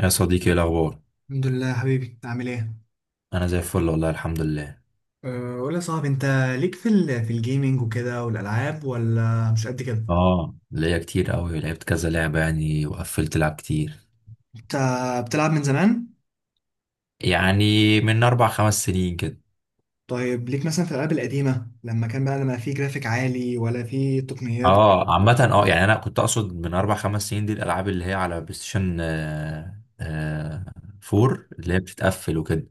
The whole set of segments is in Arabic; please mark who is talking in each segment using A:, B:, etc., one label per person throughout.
A: يا صديقي ايه الاخبار؟
B: الحمد لله يا حبيبي، عامل ايه؟
A: انا زي الفل والله الحمد لله.
B: أه، قول يا صاحبي. انت ليك في الجيمنج وكده والالعاب ولا مش قد كده؟
A: اه، ليا كتير قوي، لعبت كذا لعبه يعني وقفلت لعب كتير.
B: انت بتلعب من زمان؟
A: يعني من اربع خمس سنين كده.
B: طيب ليك مثلا في الالعاب القديمه لما كان بقى لما في جرافيك عالي ولا في تقنيات.
A: اه عامه، يعني انا كنت اقصد من اربع خمس سنين دي الالعاب اللي هي على بلاي ستيشن 4 اللي هي بتتقفل وكده.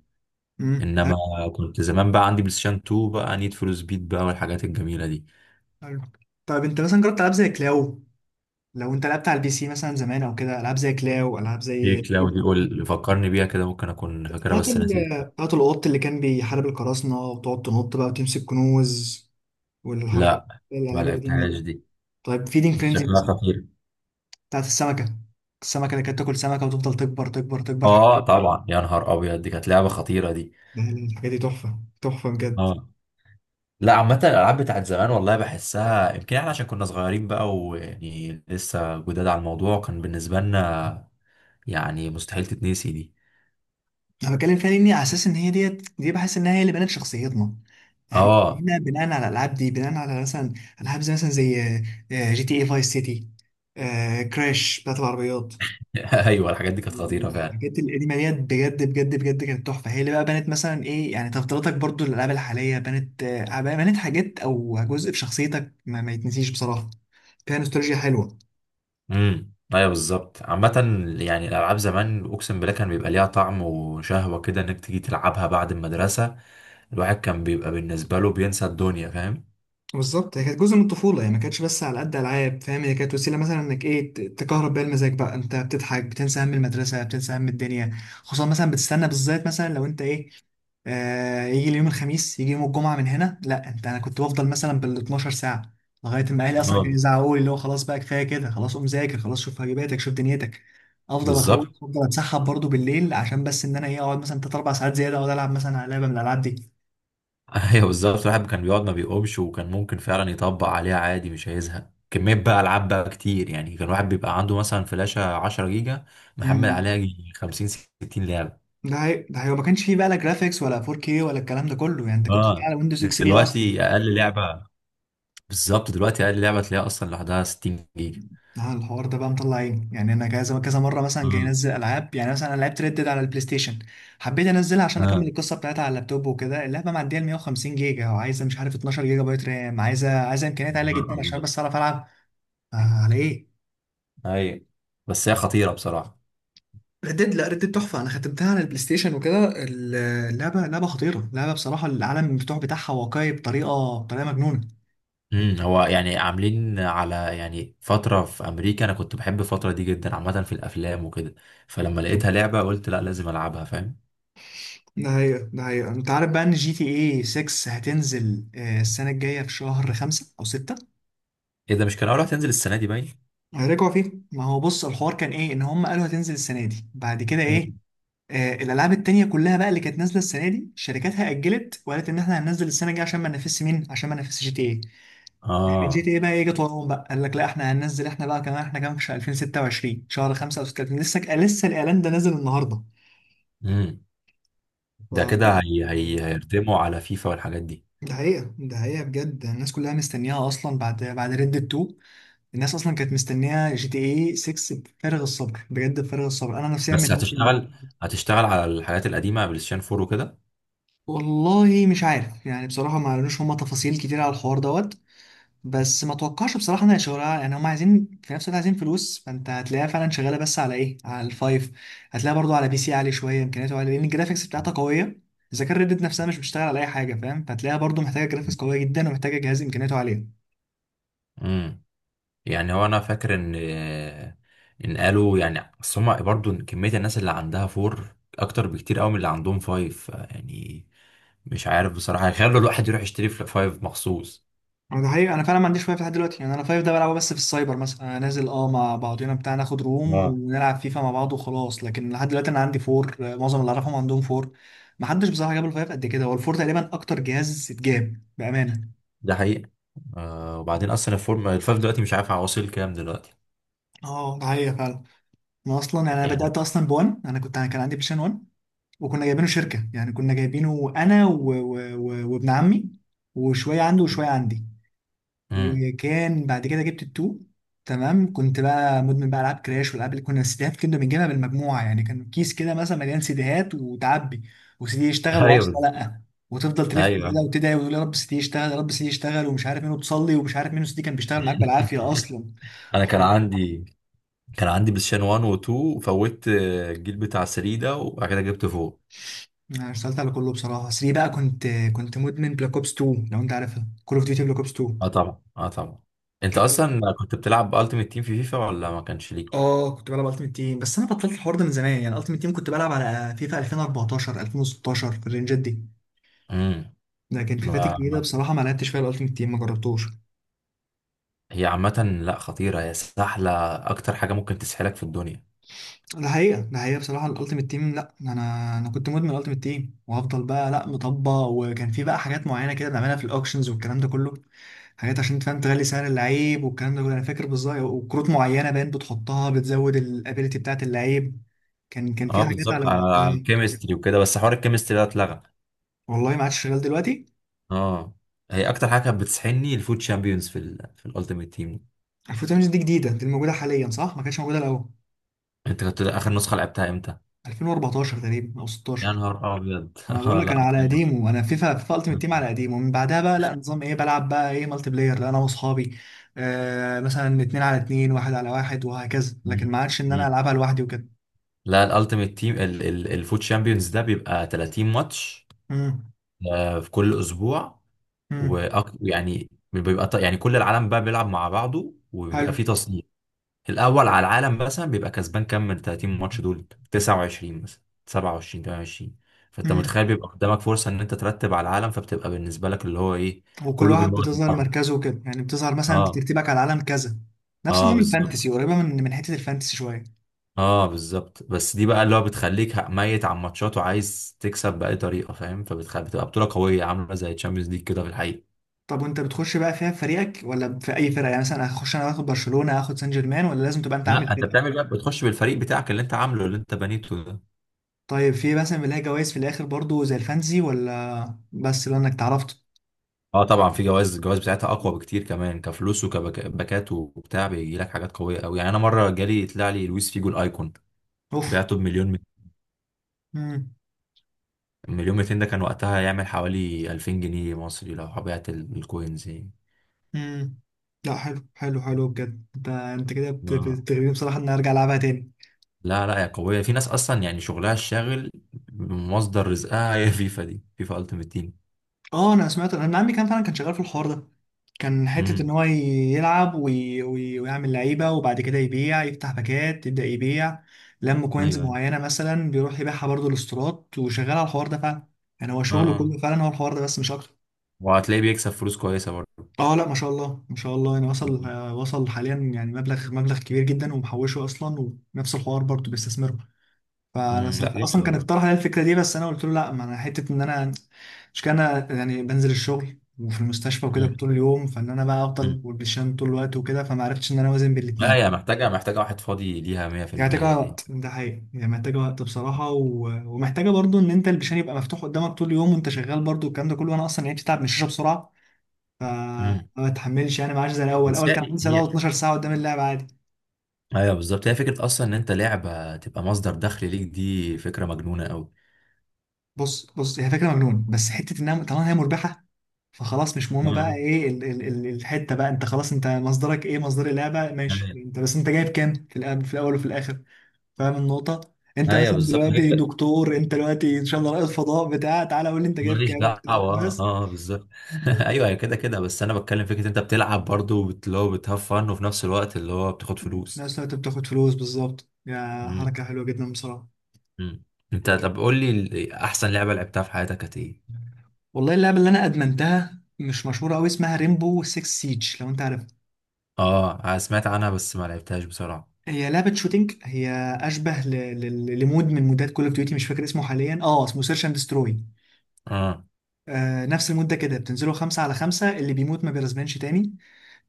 A: انما
B: حلو
A: كنت زمان بقى عندي بلاي ستيشن 2 بقى، نيد فور سبيد بقى والحاجات الجميله دي.
B: حلو. طيب انت مثلا جربت العاب زي كلاو؟ لو انت لعبت على البي سي مثلا زمان او كده، العاب زي كلاو، العاب
A: ايه
B: زي
A: كلاودي؟ قول فكرني بيها كده، ممكن اكون فاكرها بس نسيت.
B: بتاعت القط اللي كان بيحارب القراصنه، وتقعد تنط بقى وتمسك كنوز والحركه،
A: لا، ما
B: الالعاب القديمه
A: لعبتهاش
B: دي.
A: دي،
B: طيب فيدينج فرينزي
A: شكلها خطير.
B: بتاعت السمكة، السمكة اللي كانت تاكل سمكة وتفضل تكبر تكبر تكبر.
A: اه طبعا، يا نهار ابيض دي كانت لعبه خطيره دي.
B: لا لا، الحاجات دي تحفة تحفة بجد.
A: اه، لا عامه الالعاب بتاعت زمان والله بحسها، يمكن احنا عشان كنا صغيرين بقى ويعني لسه جداد على الموضوع، كان بالنسبه لنا يعني مستحيل تتنسي دي.
B: انا بتكلم فيها لاني على اساس ان هي ديت دي بحس انها هي اللي بنت شخصيتنا، احنا
A: اه.
B: بنينا بناء على الالعاب دي، بناء على مثلا العاب زي مثلا زي جي تي اي فايس سيتي، كراش بتاعت العربيات.
A: ايوه الحاجات دي كانت خطيره فعلا.
B: الحاجات القديمه ديت بجد بجد بجد كانت تحفه، هي اللي بقى بنت مثلا ايه يعني تفضيلاتك برضو للالعاب الحاليه، بنت بنت حاجات او جزء في شخصيتك ما يتنسيش بصراحه. فيها نوستالجيا حلوه.
A: ايوه بالظبط. عامه يعني الالعاب زمان اقسم بالله كان بيبقى ليها طعم وشهوه كده انك تيجي تلعبها بعد المدرسه. الواحد كان بيبقى بالنسبه له بينسى الدنيا، فاهم.
B: بالظبط، هي كانت جزء من الطفولة، هي ما كانتش بس على قد ألعاب، فاهم؟ هي كانت وسيلة مثلا إنك إيه تكهرب بيها المزاج بقى، أنت بتضحك، بتنسى هم المدرسة، بتنسى هم الدنيا. خصوصا مثلا بتستنى بالذات مثلا لو أنت إيه يجي اليوم الخميس، يجي يوم الجمعة. من هنا لا، أنت أنا كنت بفضل مثلا بال 12 ساعة لغاية ما أهلي أصلا كانوا
A: اه
B: يزعقوا لي، اللي هو خلاص بقى، كفاية كده، خلاص قوم ذاكر، خلاص شوف واجباتك، شوف دنيتك. أفضل
A: بالظبط.
B: أخلص، أفضل أتسحب برضه بالليل عشان بس إن أنا إيه أقعد مثلا تلات أربع ساعات زيادة، أقعد ألعب مثلا على لعبة من الألعاب دي.
A: ايوه بالظبط، الواحد كان بيقعد ما بيقومش، وكان ممكن فعلا يطبق عليها عادي، مش هيزهق. كمية بقى ألعاب بقى كتير يعني، كان الواحد بيبقى عنده مثلا فلاشة 10 جيجا محمل عليها
B: مم.
A: يجي 50 60 لعبة.
B: ده هي ما كانش فيه بقى لا جرافيكس ولا 4K ولا الكلام ده كله، يعني انت كنت بتلعب
A: اه
B: على ويندوز اكس بي اصلا.
A: دلوقتي أقل لعبة، بالظبط دلوقتي أقل لعبة تلاقيها أصلا لوحدها 60 جيجا.
B: اه، الحوار ده بقى مطلع عيني، يعني انا كذا كذا مره مثلا جاي
A: اه
B: انزل العاب. يعني مثلا انا لعبت ريد ديد على البلاي ستيشن، حبيت انزلها عشان اكمل
A: اه.
B: القصه بتاعتها على اللابتوب وكده، اللعبه معديه ال 150 جيجا، وعايزه مش عارف 12 جيجا بايت رام، عايزه امكانيات عاليه جدا عشان بس اعرف العب. آه على ايه؟
A: أيوة، بس هي خطيرة بصراحة.
B: ردد، لا ردد تحفة، أنا ختمتها على البلاي ستيشن وكده. اللعبة لعبة خطيرة، لعبة بصراحة، العالم المفتوح بتاعها واقعي بطريقة مجنونة.
A: امم، هو يعني عاملين على يعني فترة في أمريكا، أنا كنت بحب الفترة دي جدا عامة في الأفلام وكده، فلما لقيتها لعبة قلت لا لازم ألعبها فاهم.
B: ده حقيقة ده حقيقة، انت عارف بقى ان جي تي اي 6 هتنزل السنة الجاية في شهر 5 او 6.
A: ايه ده؟ مش كان اول واحد هينزل السنه دي باين؟
B: هيرجعوا فيه، ما هو بص الحوار كان ايه، ان هم قالوا هتنزل السنة دي. بعد كده
A: مم.
B: ايه؟ الالعاب التانية كلها بقى اللي كانت نازلة السنة دي شركاتها اجلت وقالت ان احنا هننزل السنة الجاية عشان ما ننافسش مين، عشان ما ننافسش جي تي اي. جي
A: اه
B: تي اي بقى ايه جت وراهم بقى، قال لك لا احنا هننزل، احنا بقى كمان، احنا كمان في شهر 2026، شهر 5 او 6، لسه لسه الاعلان ده نازل النهارده.
A: امم.
B: ف...
A: ده كده هيرتموا على فيفا والحاجات دي.
B: ده حقيقة ده حقيقة بجد، الناس كلها مستنياها أصلا بعد ريد 2. الناس أصلا كانت مستنية جي تي إيه 6 بفارغ الصبر بجد، بفارغ الصبر، أنا نفسيا من
A: بس
B: الناس اللي.
A: هتشتغل، هتشتغل على الحاجات القديمه، بلايستيشن 4 وكده؟
B: والله مش عارف يعني، بصراحة ما قالولوش هما تفاصيل كتير على الحوار دوت، بس ما توقعش بصراحة إنها شغالة، يعني هما عايزين في نفس الوقت عايزين فلوس، فأنت هتلاقيها فعلا شغالة بس على إيه، على الفايف. هتلاقيها برضو على بي سي عالي شوية إمكانياته عالية، لأن الجرافيكس بتاعتها قوية. إذا كان ريد ديد نفسها مش بتشتغل على أي حاجة، فاهم، فهتلاقيها برضو محتاجة جرافيكس قوية جدا، ومحتاجة جهاز إمكانياته عالية.
A: امم، يعني هو انا فاكر ان قالوا يعني، بس هما برضه كميه الناس اللي عندها 4 اكتر بكتير قوي من اللي عندهم 5 يعني. مش عارف بصراحه هيخلوا الواحد يروح يشتري 5 مخصوص.
B: أنا ده حقيقي، انا فعلا ما عنديش وايف لحد دلوقتي، يعني انا فايف ده بلعبه بس في السايبر مثلا، انا نازل مع بعضينا بتاع، ناخد روم
A: اه
B: ونلعب فيفا مع بعض وخلاص. لكن لحد دلوقتي انا عندي فور، معظم اللي اعرفهم عندهم فور. ما حدش بصراحه جاب الفايف قد كده، هو الفور تقريبا اكتر جهاز اتجاب بامانه.
A: ده حقيقي. آه وبعدين اصلا الفورم الفايف دلوقتي مش عارف هوصل كام دلوقتي.
B: اه، ده حقيقي فعلا. انا اصلا يعني انا
A: يعني
B: بدات اصلا بوان، انا كان عندي بلايستيشن 1، وكنا جايبينه شركه يعني، كنا جايبينه انا وابن عمي، وشويه عنده وشويه عندي.
A: امم
B: وكان بعد كده جبت التو، تمام. كنت بقى مدمن بقى العاب كراش والالعاب، اللي كنا السيديهات كنا بنجيبها بالمجموعه يعني، كان كيس كده مثلا مليان سيديهات وتعبي، وسيدي يشتغل
A: ايوه
B: وعشرة لا، وتفضل تلف
A: ايوه،
B: كده وتدعي وتقول يا رب سيدي يشتغل، يا رب سيدي يشتغل، ومش عارف مين، وتصلي ومش عارف مين، سيدي كان بيشتغل معاك بالعافيه اصلا.
A: انا
B: هو-
A: كان عندي بلاي ستيشن 1 و 2 وفوت الجيل بتاع 3 ده وبعد كده جبت فوق.
B: انا اشتغلت على كله بصراحه، 3 بقى كنت مدمن بلاك اوبس 2، لو انت عارفها، كول اوف ديوتي بلاك اوبس 2
A: اه طبعا اه طبعا. انت
B: كانت
A: اصلا كنت بتلعب التيمت تيم في فيفا ولا ما كانش ليك؟
B: اه كنت بلعب التيمت تيم، بس انا بطلت الحوار ده من زمان، يعني التيمت تيم كنت بلعب على فيفا 2014 2016، في الرينجات دي.
A: امم
B: لكن فيفات
A: ما...
B: الجديده
A: ما...
B: بصراحه ما لعبتش فيها الالتيمت تيم، ما جربتوش.
A: هي عامه لا خطيره، هي سهله، اكتر حاجه ممكن تسحلك في الدنيا.
B: ده حقيقه ده حقيقه، بصراحه الالتيمت تيم لا، انا كنت مدمن الالتيمت تيم وهفضل بقى لا مطبق، وكان في بقى حاجات معينه كده بنعملها في الاوكشنز والكلام ده كله، حاجات عشان تفهم تغلي سعر اللعيب والكلام ده كله انا فاكر بالظبط، وكروت معينه باين بتحطها بتزود الابيليتي بتاعت اللعيب. كان في
A: اه
B: حاجات
A: بالظبط،
B: على
A: على على
B: وقتها.
A: الكيمستري وكده، بس حوار الكيمستري ده اتلغى.
B: والله ما عادش شغال دلوقتي.
A: اه، هي اكتر حاجه كانت بتسحلني الفوت شامبيونز في الالتيمت تيم.
B: 2008 دي جديدة، دي الموجودة حاليا صح؟ ما كانتش موجودة الأول.
A: انت كنت اخر نسخه لعبتها امتى؟
B: 2014 تقريبا أو
A: يا
B: 16.
A: نهار ابيض.
B: ما بقول لك أنا
A: لا
B: على
A: كلام.
B: قديمه، أنا فيفا ألتيمت تيم على قديمه، ومن بعدها بقى لا نظام إيه بلعب بقى إيه مالتي بلاير، لا أنا وأصحابي مثلا 2 على 2، 1 على 1 وهكذا،
A: مم.
B: لكن ما عادش إن أنا
A: مم.
B: ألعبها لوحدي وكده.
A: لا الالتيميت تيم، الفوت شامبيونز ده بيبقى 30 ماتش
B: امم.
A: في كل اسبوع.
B: امم.
A: ويعني بيبقى يعني كل العالم بقى بيلعب مع بعضه وبيبقى
B: حلو.
A: فيه تصنيف. الاول على العالم مثلا بيبقى كسبان كام من 30 ماتش دول، 29 مثلا 27 28. فانت
B: امم.
A: متخيل بيبقى قدامك فرصه ان انت ترتب على العالم، فبتبقى بالنسبه لك اللي هو ايه.
B: وكل
A: كله
B: واحد
A: بيموت
B: بتظهر
A: بعضه.
B: مركزه وكده يعني، بتظهر مثلا أنت
A: اه
B: ترتيبك على العالم كذا. نفس
A: اه
B: نظام
A: بالظبط،
B: الفانتسي، قريبة من حتة الفانتسي شوية.
A: اه بالظبط. بس دي بقى اللي هو بتخليك ميت على الماتشات وعايز تكسب بأي طريقة فاهم، فبتخلي بتبقى بطولة قوية عاملة زي تشامبيونز ليج كده في الحقيقة.
B: طب وانت بتخش بقى فيها في فريقك، ولا في اي فرقه، يعني مثلا هخش انا واخد برشلونه، هاخد سان جيرمان، ولا لازم تبقى انت عامل
A: لا، انت
B: فرقه؟
A: بتعمل بقى، بتخش بالفريق بتاعك اللي انت عامله، اللي انت بنيته ده.
B: طيب في مثلا بيلاقي جوائز في الاخر برضو زي الفانزي، ولا بس لانك اتعرفت؟
A: اه طبعا في جوائز، الجوائز بتاعتها اقوى بكتير كمان، كفلوس وكباكات وبتاع، بيجي لك حاجات قوية قوي. يعني انا مرة جالي طلع لي لويس فيجو الايكون،
B: اوف.
A: بعته بمليون،
B: امم.
A: مليون 200. ده كان وقتها يعمل حوالي 2000 جنيه مصري لو بعت الكوينز يعني.
B: امم. لا. حلو حلو حلو بجد، انت كده
A: آه.
B: بتغريني بصراحه ان أنا ارجع العبها تاني.
A: لا لا يا قوية، في ناس أصلا يعني شغلها الشاغل مصدر رزقها هي فيفا دي، فيفا ألتيمت تيم.
B: اه، انا سمعت، عمي كان فعلا كان شغال في الحوار ده، كان حته ان
A: امم
B: هو يلعب ويعمل لعيبه، وبعد كده يبيع يفتح باكات يبدا يبيع لم
A: ايوه
B: كوينز
A: ايوه.
B: معينه مثلا، بيروح يبيعها برضه الاسترات، وشغال على الحوار ده فعلا. يعني هو
A: اه
B: شغله
A: اه،
B: كله فعلا هو الحوار ده بس، مش اكتر.
A: وهتلاقيه بيكسب فلوس كويسة برضه.
B: اه. لا، ما شاء الله ما شاء الله، يعني
A: مم.
B: وصل حاليا يعني مبلغ كبير جدا، ومحوشه اصلا، ونفس الحوار برضه بيستثمره. فانا
A: امم، لا
B: اصلا
A: جامد
B: كان
A: والله.
B: اقترح عليا الفكره دي، بس انا قلت له لا، ما انا حته ان انا مش كان أنا يعني بنزل الشغل وفي المستشفى وكده
A: امم
B: طول اليوم، فان انا بقى
A: امم،
B: افضل والبشام طول الوقت وكده، فما عرفتش ان انا اوازن بين
A: لا
B: الاثنين.
A: هي محتاجة، محتاجة واحد فاضي ليها
B: يعني
A: 100 في المية.
B: محتاجه
A: يعني
B: وقت، ده حقيقي يعني محتاجه وقت بصراحه، ومحتاجه برضو ان انت البشام يبقى مفتوح قدامك طول اليوم وانت شغال برضو الكلام ده كله. وانا اصلا يعني بتتعب من الشاشه بسرعه فما
A: امم.
B: بتحملش، يعني ما عادش زي الاول
A: بس
B: الاول كان عندي
A: هي
B: ساعه
A: هي
B: 12 ساعه قدام اللعب عادي.
A: ايوه بالظبط، هي فكرة أصلا إن أنت لعبة تبقى مصدر دخل ليك، دي فكرة مجنونة أوي.
B: بص بص، هي فكره مجنون، بس حته انها طالما هي مربحه فخلاص مش
A: اه
B: مهم بقى
A: آه.
B: ايه، ال ال ال الحته بقى، انت خلاص، انت مصدرك ايه؟ مصدر اللعبه ماشي،
A: ايوه
B: انت بس انت جايب كام في الأب في الاول وفي الاخر، فاهم النقطه؟ انت
A: أيوة
B: مثلا
A: بالظبط
B: دلوقتي
A: غير.
B: دكتور، انت دلوقتي ان شاء الله رائد فضاء بتاع، تعالى قول لي انت جايب
A: ماليش
B: كام
A: دعوة.
B: بتاع
A: اه
B: بس،
A: بالظبط. ايوه أيوة، كده كده، بس انا بتكلم فكرة انت بتلعب برضو اللي هو بتهفن وفي نفس الوقت اللي هو بتاخد
B: في
A: فلوس.
B: نفس الوقت بتاخد فلوس، بالظبط. يا
A: مم.
B: حركه حلوه جدا بصراحه.
A: مم. انت طب قول لي احسن لعبة لعبتها في حياتك كانت ايه؟
B: والله اللعبه اللي انا ادمنتها مش مشهوره قوي، اسمها ريمبو 6 سيج، لو انت عارفها.
A: اه أنا سمعت عنها بس ما لعبتهاش بصراحة.
B: هي لعبة شوتينج، هي أشبه لمود من مودات كول أوف ديوتي، مش فاكر اسمه حاليا. اه، اسمه سيرش أند دستروي،
A: اه
B: نفس المدة كده بتنزلوا 5 على 5، اللي بيموت ما بيرزمنش تاني،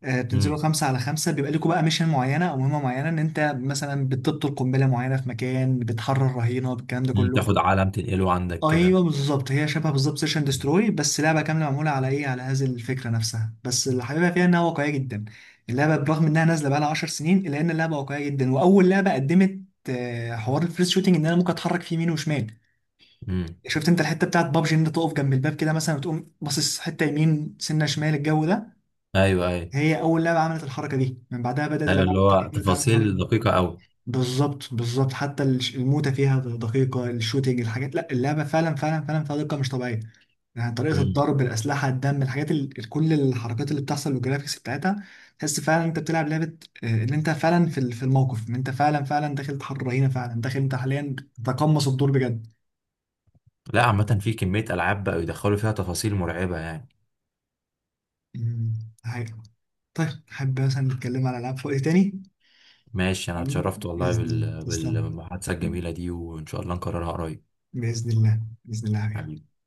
B: بتنزلوا
A: مم.
B: 5 على 5، بيبقى لكم بقى ميشن معينة أو مهمة معينة إن أنت مثلا بتبطل قنبلة معينة في مكان، بتحرر رهينة، الكلام ده
A: مم.
B: كله.
A: تاخد عالم تنقله عندك كده.
B: أيوه بالظبط، هي شبه بالظبط سيشن دستروي، بس لعبة كاملة معمولة على إيه على هذه الفكرة نفسها، بس اللي حاببها فيها إنها واقعية جدا، اللعبة برغم إنها نازلة بقالها 10 سنين إلا إن اللعبة واقعية جدا، وأول لعبة قدمت حوار الفريس شوتنج إن أنا ممكن أتحرك في يمين وشمال.
A: مم.
B: شفت انت الحته بتاعت بابجي ان انت تقف جنب الباب كده مثلا، وتقوم باصص حته يمين سنه شمال، الجو ده؟
A: ايوه ايوه.
B: هي اول لعبه عملت الحركه دي، من بعدها بدات
A: ايوه
B: الالعاب
A: اللي
B: التانيه
A: هو
B: كده تعمل الحركه
A: تفاصيل
B: دي.
A: دقيقة قوي.
B: بالظبط بالظبط، حتى الموتة فيها دقيقه، الشوتينج، الحاجات، لا اللعبه فعلا فعلا فعلا فيها دقه مش طبيعيه، يعني طريقه
A: مم.
B: الضرب، الاسلحه، الدم، الحاجات، كل الحركات اللي بتحصل والجرافيكس بتاعتها، تحس فعلا انت بتلعب لعبه، ان انت فعلا في الموقف، ان انت فعلا فعلا داخل تحرر رهينه، فعلا داخل انت حاليا تقمص الدور بجد.
A: لا عامة في كمية العاب بقوا يدخلوا فيها تفاصيل مرعبة يعني.
B: مم. هاي. طيب حابب مثلا نتكلم على العاب في وقت تاني.
A: ماشي انا
B: حبيبي،
A: اتشرفت والله
B: باذن الله تسلم.
A: بالمحادثة الجميلة دي وان شاء الله نكررها قريب.
B: باذن الله باذن الله يا حبيبي.
A: حبيبي.